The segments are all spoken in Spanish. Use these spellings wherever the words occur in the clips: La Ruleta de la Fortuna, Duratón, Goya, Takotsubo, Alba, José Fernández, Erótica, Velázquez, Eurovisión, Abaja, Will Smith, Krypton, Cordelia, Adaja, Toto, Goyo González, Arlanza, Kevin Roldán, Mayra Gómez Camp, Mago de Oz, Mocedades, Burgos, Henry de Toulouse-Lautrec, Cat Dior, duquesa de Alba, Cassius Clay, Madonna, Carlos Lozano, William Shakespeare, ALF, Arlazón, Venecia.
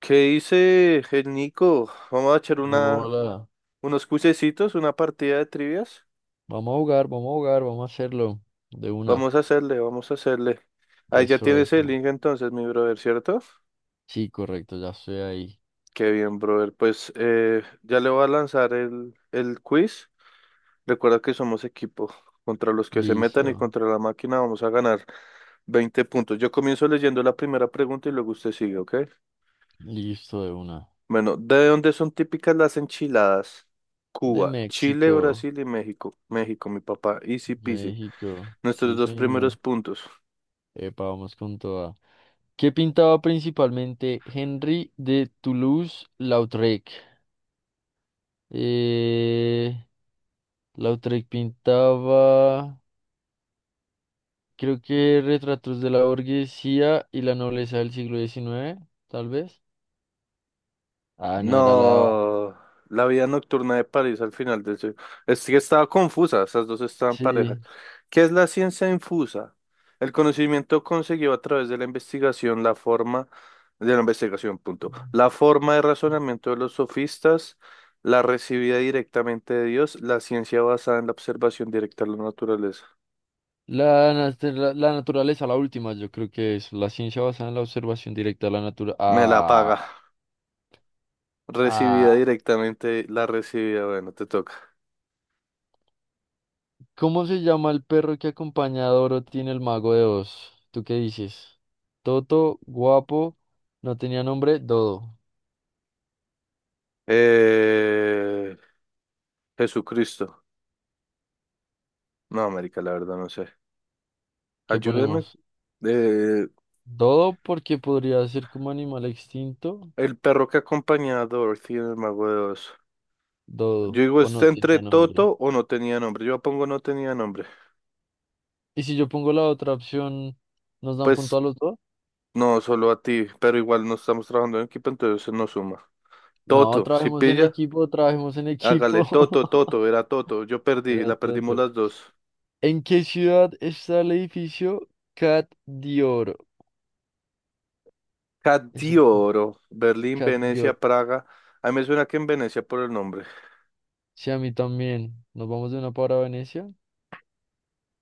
¿Qué dice el Nico? Vamos a echar Hola, unos cuisecitos, una partida de trivias. vamos a jugar, vamos a jugar, vamos a hacerlo de una. Vamos a hacerle, vamos a hacerle. Ahí ya Eso, tienes el eso. link entonces, mi brother, ¿cierto? Sí, correcto, ya estoy ahí. Qué bien, brother. Pues ya le voy a lanzar el quiz. Recuerda que somos equipo. Contra los que se metan y Listo, contra la máquina vamos a ganar 20 puntos. Yo comienzo leyendo la primera pregunta y luego usted sigue, ¿ok? listo de una. Bueno, ¿de dónde son típicas las enchiladas? De Cuba, Chile, México, Brasil y México. México, mi papá. Easy peasy. México, Nuestros sí dos señor. primeros puntos. Epa, vamos con toda. ¿Qué pintaba principalmente Henry de Toulouse-Lautrec? Eh, Lautrec pintaba, creo que retratos de la burguesía y la nobleza del siglo XIX, tal vez. Ah, no era la. No, la vida nocturna de París al final del siglo. Es que estaba confusa, esas dos estaban parejas. Sí. ¿Qué es la ciencia infusa? El conocimiento conseguido a través de la investigación, la forma de la investigación, punto. La forma de razonamiento de los sofistas, la recibida directamente de Dios, la ciencia basada en la observación directa de la naturaleza. La naturaleza, la última, yo creo que es la ciencia basada en la observación directa de la naturaleza. Me la Ah, paga. ah. Recibida directamente, la recibida, bueno, te toca. ¿Cómo se llama el perro que acompaña a Dorothy en el Mago de Oz? ¿Tú qué dices? Toto, guapo, no tenía nombre, Dodo. Eh, Jesucristo. No, América, la verdad, no sé. ¿Qué Ayúdeme. ponemos? Eh, Dodo porque podría ser como animal extinto. el perro que acompañaba a Dorothy en el Mago de Oz. Yo Dodo, digo, o ¿está no entre tenía nombre. Toto o no tenía nombre? Yo pongo no tenía nombre. Y si yo pongo la otra opción, ¿nos dan punto Pues a los dos? no, solo a ti, pero igual no estamos trabajando en equipo, entonces se nos suma. No, Toto, si trabajemos en pilla, equipo, trabajemos en hágale. equipo. Toto, Toto, era Toto. Yo perdí, Era la perdimos tonto. las dos. ¿En qué ciudad está el edificio Cat Dior? Eso es Oro Berlín, Cat Venecia, Dior. Praga. A mí me suena que en Venecia por el nombre. Sí, a mí también. Nos vamos de una para Venecia.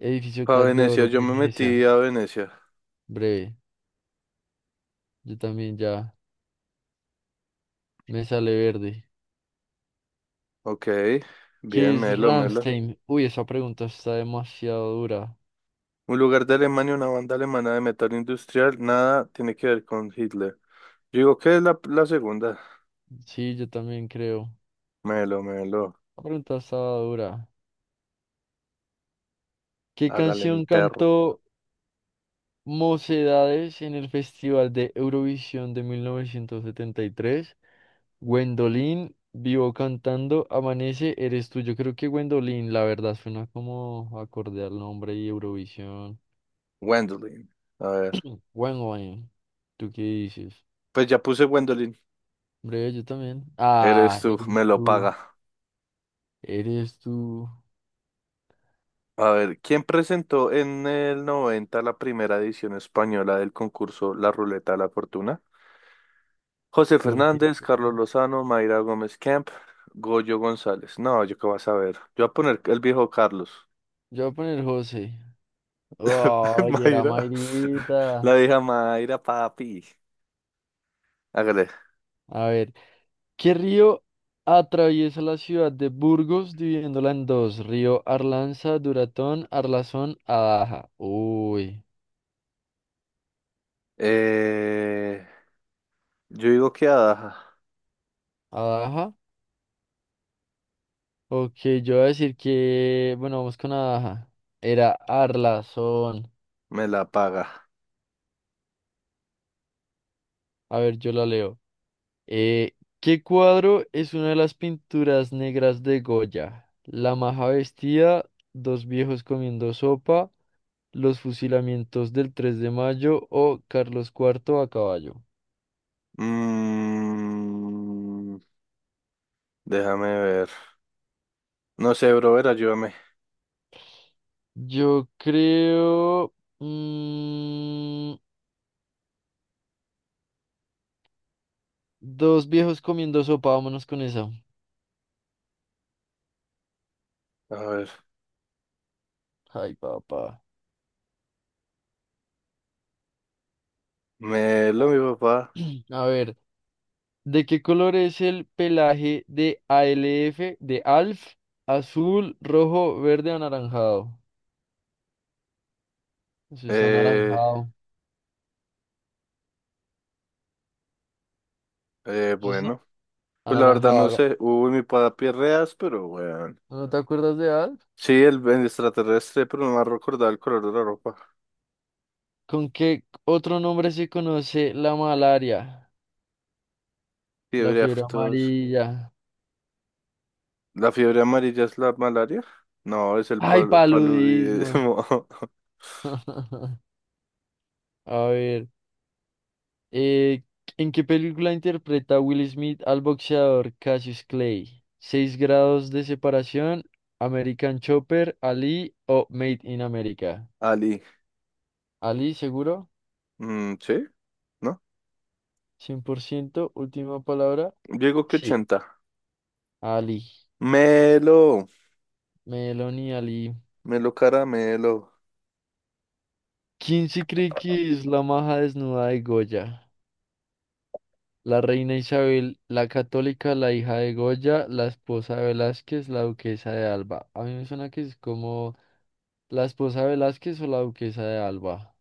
Edificio A Cat de Venecia, Oro, yo me Venecia. metí a Venecia. Breve. Yo también ya me sale verde. Ok, ¿Qué bien, es Melo, Melo. Ramstein? Uy, esa pregunta está demasiado dura. Un lugar de Alemania, una banda alemana de metal industrial, nada tiene que ver con Hitler. Yo digo que es la segunda. Sí, yo también creo. Melo, Melo, La pregunta estaba dura. ¿Qué hágale mi canción perro. cantó Mocedades en el Festival de Eurovisión de 1973? Gwendolyn, vivo cantando, amanece, eres tú. Yo creo que Gwendolyn, la verdad, suena como acorde al nombre y Eurovisión. Wendelin. A ver. Gwendolyn, ¿tú qué dices? Pues ya puse Gwendolyn. Hombre, yo también. Eres Ah, tú, me lo paga. eres tú, A ver, ¿quién presentó en el 90 la primera edición española del concurso La Ruleta de la Fortuna? José Jorge. Fernández, Carlos Lozano, Mayra Gómez Camp, Goyo González. No, yo qué vas a ver. Yo voy a poner el viejo Carlos. Yo voy a poner José. Ay, era Mayra. La Mayrita. vieja Mayra, papi. Hágale. A ver, ¿qué río atraviesa la ciudad de Burgos dividiéndola en dos? Río Arlanza, Duratón, Arlazón, Adaja. Uy. Eh, yo digo que Adaja Abaja. Ok, yo voy a decir que, bueno, vamos con Abaja. Era Arlazón. me la paga. A ver, yo la leo. Eh, ¿Qué cuadro es una de las pinturas negras de Goya? La maja vestida, dos viejos comiendo sopa, los fusilamientos del 3 de mayo o Carlos IV a caballo. Mm, Déjame ver. No sé, brother, ayúdame. Yo creo... mm, dos viejos comiendo sopa, vámonos con esa. A ver, Ay, papá. me lo mi papá. A ver. ¿De qué color es el pelaje de ALF de ALF? Azul, rojo, verde, anaranjado. Eso es Eh, anaranjado. Eso es bueno, pues la verdad no anaranjado. sé. Uy, mi papi es reas, pero bueno. ¿No te acuerdas de ALF? Sí, el extraterrestre, pero no me ha recordado el color de la ropa. ¿Con qué otro nombre se conoce la malaria? La Fiebre fiebre aftosa. amarilla. ¿La fiebre amarilla es la malaria? No, es el ¡Ay, paludismo! paludismo. A ver. Eh, ¿En qué película interpreta Will Smith al boxeador Cassius Clay? ¿Seis grados de separación? ¿American Chopper? ¿Ali o Made in America? Ali. ¿Ali seguro? Mm, ¿sí? ¿No? 100%, ¿última palabra? Digo que Sí, 80 Ali. Melo, Meloni Ali. melo caramelo. ¿Quién se cree que es la maja desnuda de Goya? La reina Isabel, la católica, la hija de Goya, la esposa de Velázquez, la duquesa de Alba. A mí me suena que es como... La esposa de Velázquez o la duquesa de Alba.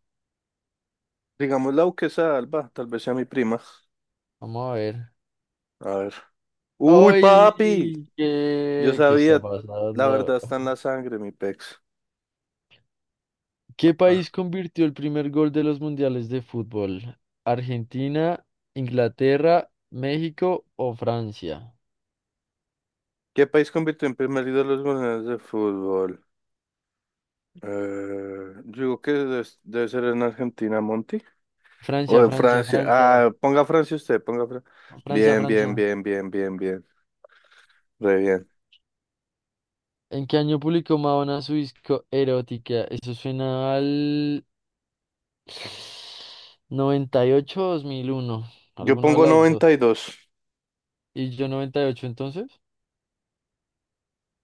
Digamos la duquesa de Alba, tal vez sea mi prima. Vamos a ver. A ver. Uy, papi. ¡Ay! Yo ¿Qué está sabía, la verdad pasando? está en la sangre, mi pex. ¿Qué Ah, país convirtió el primer gol de los mundiales de fútbol? ¿Argentina, Inglaterra, México o Francia? ¿qué país convirtió en primer líder los goleadores de fútbol? Yo digo que debe ser en Argentina, Monty. O Francia, en Francia, Francia. Francia. Ah, ponga Francia usted, ponga Francia. Francia, Bien, Francia. bien, bien, bien, bien, bien. Re bien. ¿En qué año publicó Madonna su disco Erótica? Eso suena al 98 o 2001. Yo ¿Alguna de pongo las dos? 92. ¿Y yo 98 entonces?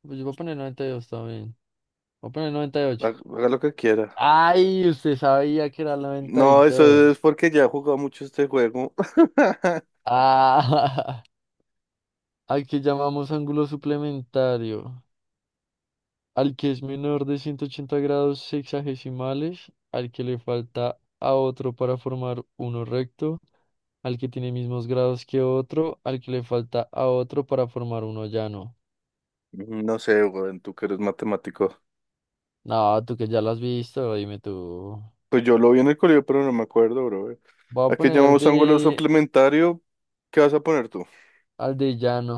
Pues yo voy a poner 92 también. Voy a poner 98. Ha- Haga lo que quiera. ¡Ay! Usted sabía que era el noventa y No, dos eso es porque ya he jugado mucho este juego. ¡Ah! Al que llamamos ángulo suplementario. Al que es menor de 180 grados sexagesimales. Al que le falta a otro para formar uno recto. Al que tiene mismos grados que otro. Al que le falta a otro para formar uno llano. No sé, güey, tú que eres matemático. No, tú que ya lo has visto, dime tú. Pues yo lo vi en el colegio, pero no me acuerdo, bro. Voy a ¿A qué poner al llamamos ángulo de, suplementario? ¿Qué vas a poner tú? al de llano.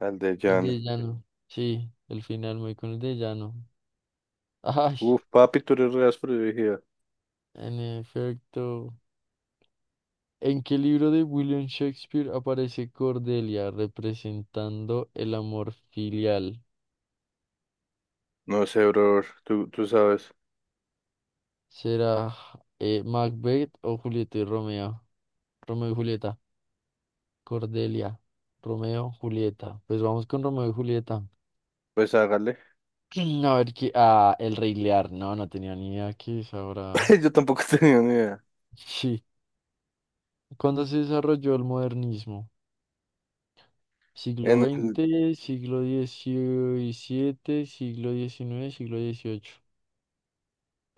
Al de El Jan. de llano. Sí, el final muy con el de llano. Ay, Uf, papi, tú eres re áspero, yo dije. en efecto. ¿En qué libro de William Shakespeare aparece Cordelia representando el amor filial? No sé, bro, tú sabes. ¿Será Macbeth o Julieta y Romeo? Romeo y Julieta. Cordelia. Romeo, Julieta. Pues vamos con Romeo y Julieta. Pues hágale. A ver qué. Ah, el Rey Lear. No, no tenía ni idea que es ahora. Yo tampoco tenía ni idea. Sí. ¿Cuándo se desarrolló el modernismo? Siglo En el, veinte siglo XVII, siglo XIX siglo XVIII.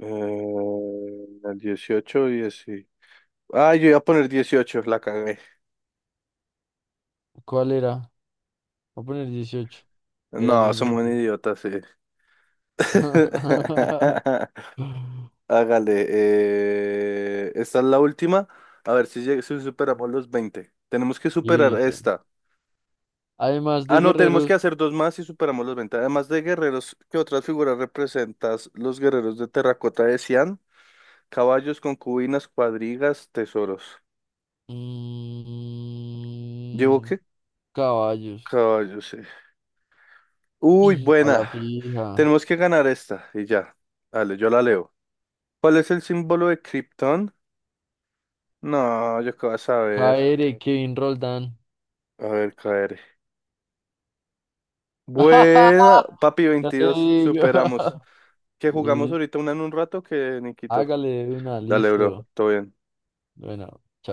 eh, en el 18, 10. Y- ah, yo iba a poner 18, la cagué. ¿Cuál era? Voy a poner XVIII. Era en No, el somos un XX. idiota, sí. Hágale, esta es la última. A ver si, si superamos los 20. Tenemos que superar Listo. esta. Además Ah, de no, tenemos que guerreros, hacer dos más y superamos los 20. Además de guerreros, ¿qué otras figuras representas los guerreros de terracota de Xi'an? Caballos, concubinas, cuadrigas, tesoros. ¿Llevo mm, qué? caballos. Caballos, sí. Uy, A la buena. fija. Tenemos que ganar esta y ya. Dale, yo la leo. ¿Cuál es el símbolo de Krypton? No, yo qué vas a ver. Jaere, Kevin Roldán. A ver, KR. Buena, papi Ya te 22, digo. superamos. Que jugamos Y ahorita una en un rato que Nikito. hágale de una, Dale, bro, listo. todo bien. Bueno.